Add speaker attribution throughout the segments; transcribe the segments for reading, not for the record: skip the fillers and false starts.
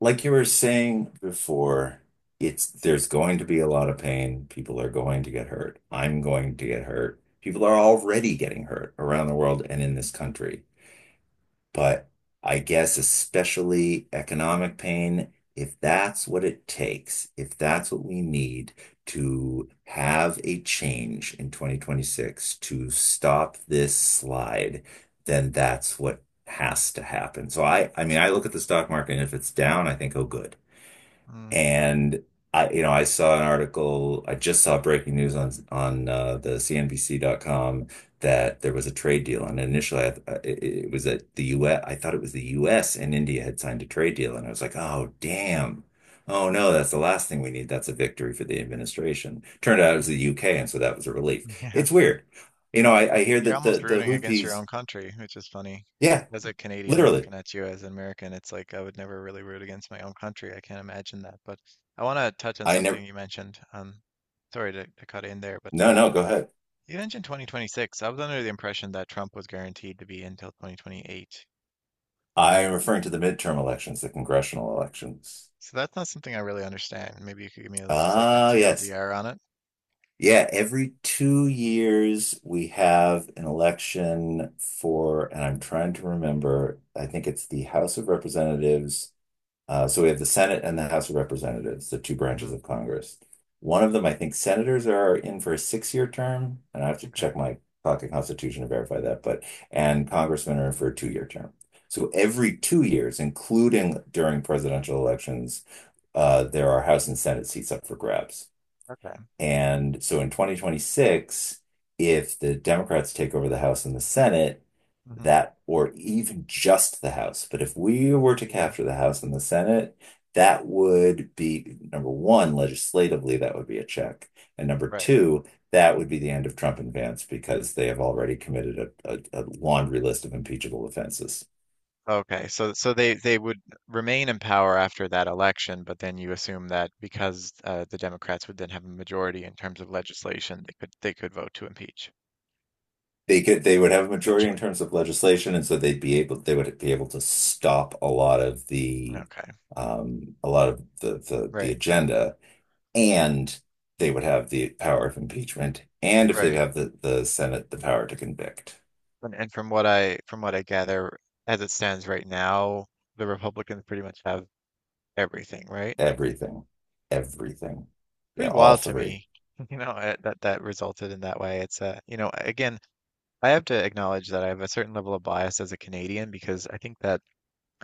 Speaker 1: Like you were saying before, it's there's going to be a lot of pain. People are going to get hurt. I'm going to get hurt. People are already getting hurt around the world and in this country. But I guess especially economic pain, if that's what it takes, if that's what we need to have a change in 2026 to stop this slide, then that's what has to happen. So I mean, I look at the stock market and if it's down, I think, oh, good.
Speaker 2: Mm,
Speaker 1: And I, you know, I saw an article, I just saw breaking news on on the C N B CNBC.com that there was a trade deal. And initially, it was that the US, thought it was the US and India had signed a trade deal. And I was like, oh, damn. Oh, no, that's the last thing we need. That's a victory for the administration. Turned out it was
Speaker 2: mm,
Speaker 1: the UK. And so that was a relief.
Speaker 2: yeah,
Speaker 1: It's weird. You know, I
Speaker 2: but
Speaker 1: hear
Speaker 2: you're
Speaker 1: that the,
Speaker 2: almost
Speaker 1: the
Speaker 2: rooting against your
Speaker 1: Houthis,
Speaker 2: own country, which is funny. As
Speaker 1: yeah,
Speaker 2: as a Canadian
Speaker 1: literally.
Speaker 2: looking at you as an American, it's like I would never really root against my own country. I can't imagine that. But I want to touch on
Speaker 1: I
Speaker 2: something
Speaker 1: never,
Speaker 2: you mentioned. Sorry to cut in there, but
Speaker 1: no, no, go ahead.
Speaker 2: you mentioned 2026. I was under the impression that Trump was guaranteed to be until 2028.
Speaker 1: I am
Speaker 2: Um,
Speaker 1: referring to the midterm elections, the congressional elections.
Speaker 2: so that's not something I really understand. Maybe you could give me just like a
Speaker 1: Ah, yes.
Speaker 2: TLDR on it.
Speaker 1: Yeah, every 2 years we have an election for, and I'm trying to remember, I think it's the House of Representatives. So we have the Senate and the House of Representatives, the two branches
Speaker 2: Mm-hmm.
Speaker 1: of Congress. One of them, I think senators are in for a 6-year term, and I have to
Speaker 2: Okay.
Speaker 1: check my pocket constitution to verify that, but, and congressmen are in for a 2-year term. So every 2 years, including during presidential elections, there are House and Senate seats up for grabs.
Speaker 2: Okay.
Speaker 1: And so in 2026, if the Democrats take over the House and the Senate,
Speaker 2: Mm-hmm.
Speaker 1: that, or even just the House, but if we were to
Speaker 2: Yeah.
Speaker 1: capture the House and the Senate, that would be number one, legislatively, that would be a check. And number
Speaker 2: Right.
Speaker 1: two, that would be the end of Trump and Vance because they have already committed a laundry list of impeachable offenses.
Speaker 2: Okay, so they would remain in power after that election, but then you assume that because the Democrats would then have a majority in terms of legislation, they could vote to impeach
Speaker 1: They could they would have a majority in
Speaker 2: potentially.
Speaker 1: terms of legislation, and so they'd be able they would be able to stop a lot of the
Speaker 2: Okay,
Speaker 1: a lot of the
Speaker 2: right,
Speaker 1: agenda, and they would have the power of impeachment, and if they
Speaker 2: right.
Speaker 1: have the Senate, the power to convict.
Speaker 2: And from what I gather, as it stands right now, the Republicans pretty much have everything, right?
Speaker 1: Everything. Everything. Yeah,
Speaker 2: Pretty
Speaker 1: all
Speaker 2: wild to
Speaker 1: three.
Speaker 2: me. That resulted in that way. It's again, I have to acknowledge that I have a certain level of bias as a Canadian because I think that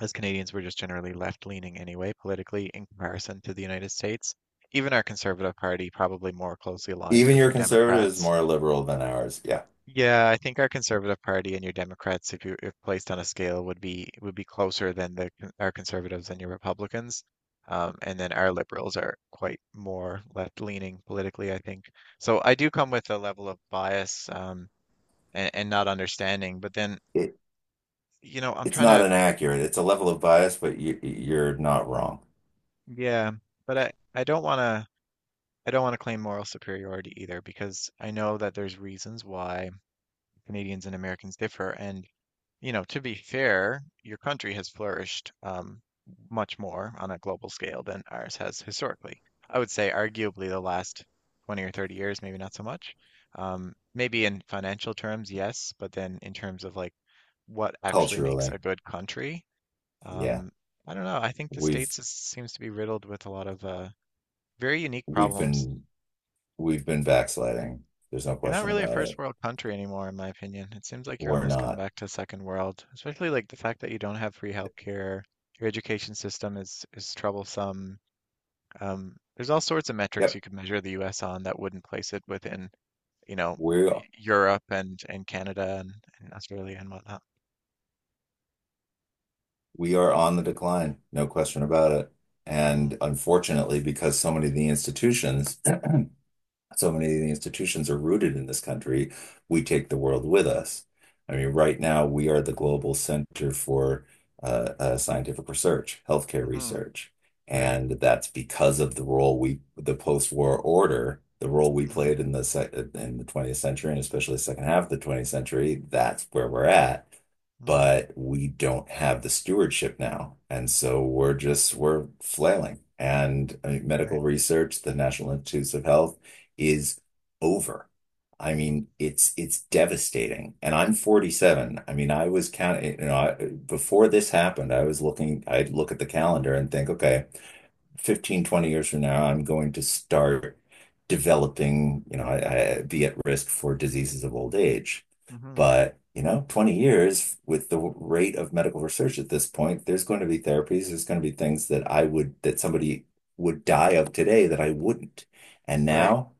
Speaker 2: as Canadians were just generally left leaning anyway, politically, in comparison to the United States. Even our Conservative Party probably more closely aligns
Speaker 1: Even
Speaker 2: with
Speaker 1: your
Speaker 2: your
Speaker 1: conservative is
Speaker 2: Democrats.
Speaker 1: more liberal than ours. Yeah.
Speaker 2: Yeah, I think our Conservative Party and your Democrats, if placed on a scale, would be closer than our Conservatives and your Republicans. And then our Liberals are quite more left leaning politically, I think. So I do come with a level of bias, and not understanding. But then,
Speaker 1: It
Speaker 2: you know, I'm
Speaker 1: it's
Speaker 2: trying
Speaker 1: not
Speaker 2: to,
Speaker 1: inaccurate. It's a level of bias, but you're not wrong
Speaker 2: yeah, but I don't want to. I don't want to claim moral superiority either because I know that there's reasons why Canadians and Americans differ. And, you know, to be fair, your country has flourished, much more on a global scale than ours has historically. I would say, arguably, the last 20 or 30 years, maybe not so much. Maybe in financial terms, yes, but then in terms of like what actually makes
Speaker 1: culturally.
Speaker 2: a good country,
Speaker 1: Yeah.
Speaker 2: um, I don't know. I think the
Speaker 1: We've
Speaker 2: States seems to be riddled with a lot of very unique
Speaker 1: we've
Speaker 2: problems.
Speaker 1: been we've been backsliding. There's no
Speaker 2: You're not
Speaker 1: question
Speaker 2: really a
Speaker 1: about
Speaker 2: first
Speaker 1: it.
Speaker 2: world country anymore, in my opinion. It seems like you're
Speaker 1: We're
Speaker 2: almost gone
Speaker 1: not.
Speaker 2: back to second world, especially like the fact that you don't have free healthcare. Your education system is troublesome. There's all sorts of metrics you
Speaker 1: Yep.
Speaker 2: could measure the US on that wouldn't place it within, you know,
Speaker 1: we
Speaker 2: Europe and Canada and Australia and whatnot.
Speaker 1: we are on the decline, no question about it.
Speaker 2: Mm,
Speaker 1: And unfortunately, because so many of the institutions so many of the institutions are rooted in this country, we take the world with us. I mean, right now we are the global center for scientific research, healthcare
Speaker 2: mm-hmm,
Speaker 1: research,
Speaker 2: right.
Speaker 1: and that's because of the role we, the post-war order, the role we
Speaker 2: Mm,
Speaker 1: played in the sec in the 20th century and especially the second half of the 20th century. That's where we're at.
Speaker 2: mm,
Speaker 1: But we don't have the stewardship now, and so we're just we're flailing. And I mean,
Speaker 2: right.
Speaker 1: medical research, the National Institutes of Health is over. I
Speaker 2: Mm,
Speaker 1: mean, it's devastating. And I'm 47. I mean, I was counting, you know, I, before this happened, I was looking, I'd look at the calendar and think, okay, 15, 20 years from now, I'm going to start developing, you know, I be at risk for diseases of old age.
Speaker 2: mm-hmm,
Speaker 1: But, you know, 20 years with the rate of medical research at this point, there's going to be therapies, there's going to be things that I would, that somebody would die of today that I wouldn't. And
Speaker 2: right.
Speaker 1: now,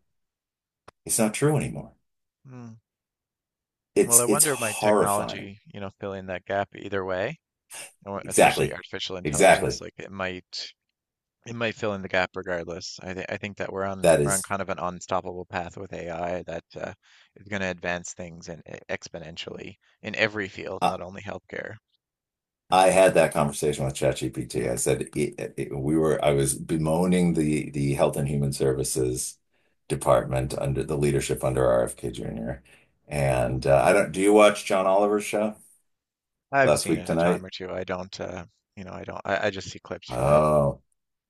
Speaker 1: it's not true anymore.
Speaker 2: Mm. Well, I
Speaker 1: It's
Speaker 2: wonder if my
Speaker 1: horrifying.
Speaker 2: technology, you know, filling that gap either way. Especially
Speaker 1: Exactly.
Speaker 2: artificial intelligence,
Speaker 1: Exactly.
Speaker 2: like it might fill in the gap regardless. I think that we're on
Speaker 1: That
Speaker 2: we're on
Speaker 1: is
Speaker 2: kind of an unstoppable path with AI that is going to advance things and exponentially in every field,
Speaker 1: I,
Speaker 2: not only healthcare.
Speaker 1: I had that conversation with ChatGPT. I said we were I was bemoaning the Health and Human Services department
Speaker 2: Mm,
Speaker 1: under the leadership under RFK Jr.
Speaker 2: mm.
Speaker 1: And I don't do you watch John Oliver's show?
Speaker 2: I've
Speaker 1: Last
Speaker 2: seen
Speaker 1: week
Speaker 2: it a time
Speaker 1: tonight?
Speaker 2: or two. I don't, you know, I don't. I just see clips from it.
Speaker 1: Oh,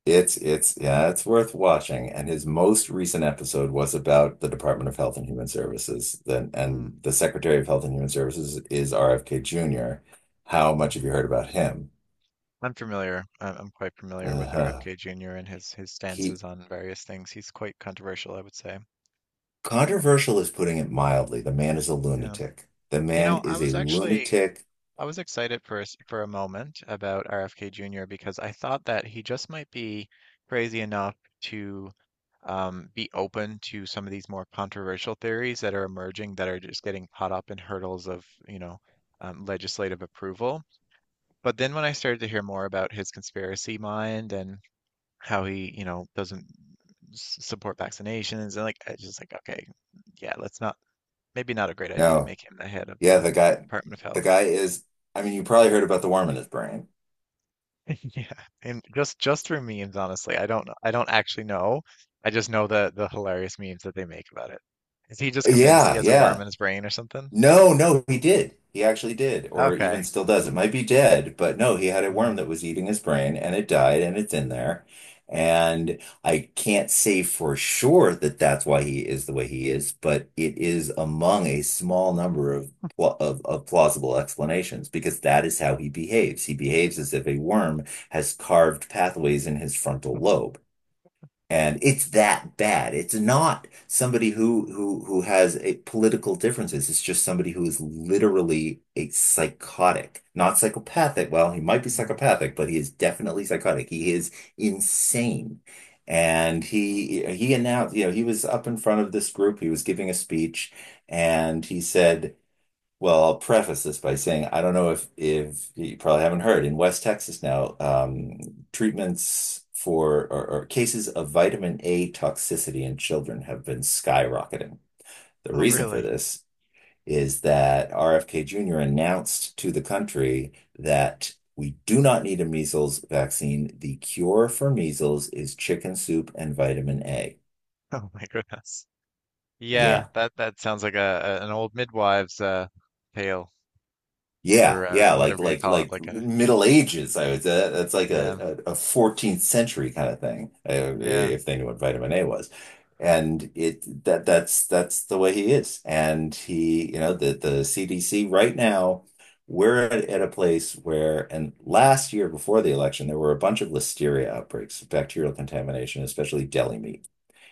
Speaker 1: it's yeah, it's worth watching. And his most recent episode was about the Department of Health and Human Services. Then
Speaker 2: Mm,
Speaker 1: and the Secretary of Health and Human Services is RFK Jr. How much have you
Speaker 2: mm.
Speaker 1: heard about him?
Speaker 2: I'm familiar. I'm quite familiar with
Speaker 1: Uh,
Speaker 2: RFK Jr. and his
Speaker 1: he
Speaker 2: stances on various things. He's quite controversial, I would say.
Speaker 1: controversial is putting it mildly. The man is a
Speaker 2: Yeah.
Speaker 1: lunatic. The
Speaker 2: You
Speaker 1: man
Speaker 2: know,
Speaker 1: is a lunatic.
Speaker 2: I was excited for for a moment about RFK Jr. because I thought that he just might be crazy enough to, be open to some of these more controversial theories that are emerging that are just getting caught up in hurdles of, you know, legislative approval. But then when I started to hear more about his conspiracy mind and how he, you know, doesn't support vaccinations and like, I was just like, okay, yeah, let's not, maybe not a great idea to
Speaker 1: No,
Speaker 2: make him the head of
Speaker 1: yeah,
Speaker 2: the
Speaker 1: the guy
Speaker 2: Department of
Speaker 1: the
Speaker 2: Health.
Speaker 1: guy is I mean, you probably heard about the worm in his brain.
Speaker 2: Yeah, and just for memes, honestly. I don't actually know. I just know the hilarious memes that they make about it. Is he just convinced he
Speaker 1: Yeah,
Speaker 2: has a worm
Speaker 1: yeah.
Speaker 2: in his brain or something?
Speaker 1: No, no, he did. He actually did, or even
Speaker 2: Okay.
Speaker 1: still does. It might be dead, but no, he had a worm
Speaker 2: Mm,
Speaker 1: that was eating his brain and it died and it's in there. And I can't say for sure that that's why he is the way he is, but it is among a small number of of plausible explanations because that is how he behaves. He behaves as if a worm has carved pathways in his frontal lobe. And it's that bad. It's not somebody
Speaker 2: mm,
Speaker 1: who who has a political differences. It's just somebody who is
Speaker 2: mm,
Speaker 1: literally a psychotic, not psychopathic. Well, he might be
Speaker 2: mm,
Speaker 1: psychopathic, but he is definitely psychotic. He is insane. And
Speaker 2: mm.
Speaker 1: he announced, you know, he was up in front of this group. He was giving a speech, and he said. Well, I'll preface this by saying I don't know if you probably haven't heard in West Texas now, treatments for or cases of vitamin A toxicity in children have been skyrocketing. The
Speaker 2: Oh,
Speaker 1: reason for
Speaker 2: really?
Speaker 1: this is that RFK Jr. announced to the country that we do not need a measles vaccine. The cure for measles is chicken soup and vitamin A.
Speaker 2: Oh my goodness. Yeah,
Speaker 1: Yeah.
Speaker 2: that that sounds like a, an old midwives tale
Speaker 1: Yeah,
Speaker 2: or
Speaker 1: yeah, like
Speaker 2: whatever you
Speaker 1: like
Speaker 2: call it.
Speaker 1: like
Speaker 2: Like a,
Speaker 1: Middle Ages. I would say that's like
Speaker 2: yeah,
Speaker 1: a 14th century kind of thing,
Speaker 2: yeah.
Speaker 1: if they knew what vitamin A was. And it that that's the way he is. And he, you know, the CDC right now, we're at a place where, and last year before the election, there were a bunch of listeria outbreaks, bacterial contamination, especially deli meat.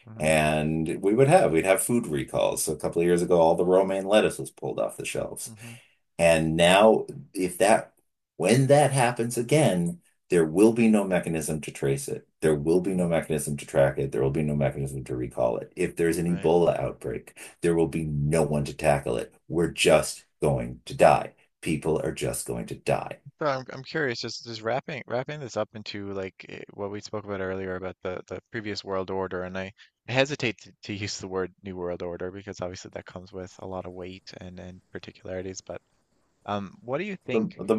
Speaker 2: Mm-hmm,
Speaker 1: And we'd have food recalls. So a couple of years ago, all the romaine lettuce was pulled off the shelves.
Speaker 2: mm-hmm,
Speaker 1: And now, if that, when that happens again, there will be no mechanism to trace it. There will be no
Speaker 2: mm,
Speaker 1: mechanism to track it. There will be no mechanism to recall it. If there's an
Speaker 2: right.
Speaker 1: Ebola outbreak, there will be no one to tackle it. We're just going to die. People are just going to die.
Speaker 2: So I'm curious, just wrapping this up into like what we spoke about earlier about the previous world order, and I hesitate to use the word new world order because obviously that comes with a lot of weight and particularities. But what do you
Speaker 1: The,
Speaker 2: think
Speaker 1: the,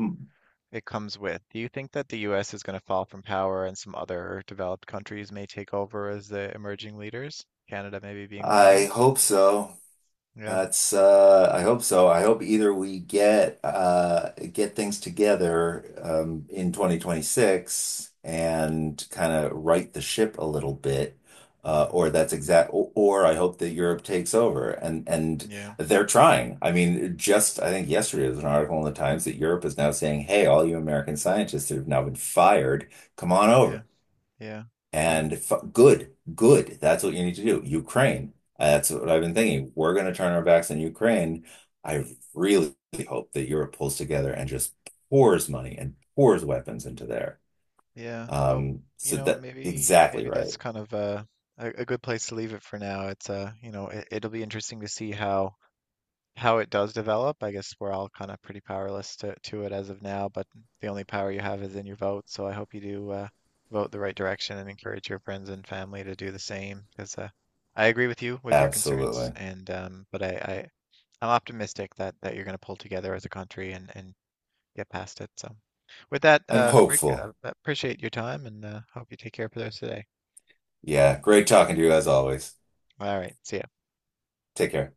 Speaker 2: it comes with? Do you think that the U.S. is going to fall from power and some other developed countries may take over as the emerging leaders? Canada maybe being one of
Speaker 1: I
Speaker 2: them.
Speaker 1: hope so.
Speaker 2: Yeah.
Speaker 1: That's I hope so. I hope either we get things together in 2026 and kind of right the ship a little bit uh
Speaker 2: Hmm.
Speaker 1: or that's exact or, or I hope that Europe takes over and
Speaker 2: Yeah.
Speaker 1: they're trying. I mean just I think yesterday there was an article in the Times that Europe is now saying, "Hey, all you American scientists that have now been fired, come on
Speaker 2: Yeah.
Speaker 1: over."
Speaker 2: Yeah. Yeah.
Speaker 1: And f good, good. That's what you need to do. Ukraine. That's what I've been thinking. We're going to turn our backs on Ukraine. I really hope that Europe pulls together and just pours money and pours weapons into there.
Speaker 2: Yeah, well,
Speaker 1: Um,
Speaker 2: you
Speaker 1: so
Speaker 2: know,
Speaker 1: that
Speaker 2: maybe
Speaker 1: exactly
Speaker 2: maybe
Speaker 1: right.
Speaker 2: that's kind of a good place to leave it for now. It's you know, it'll be interesting to see how it does develop. I guess we're all kind of pretty powerless to it as of now, but the only power you have is in your vote. So I hope you do, vote the right direction and encourage your friends and family to do the same. Because I agree with you with your concerns,
Speaker 1: Absolutely.
Speaker 2: and but I'm optimistic that that you're going to pull together as a country and get past it. So, with that,
Speaker 1: I'm
Speaker 2: Rick,
Speaker 1: hopeful.
Speaker 2: appreciate your time and hope you take care for those today.
Speaker 1: Yeah. Great talking to you as always.
Speaker 2: All right. See ya.
Speaker 1: Take care.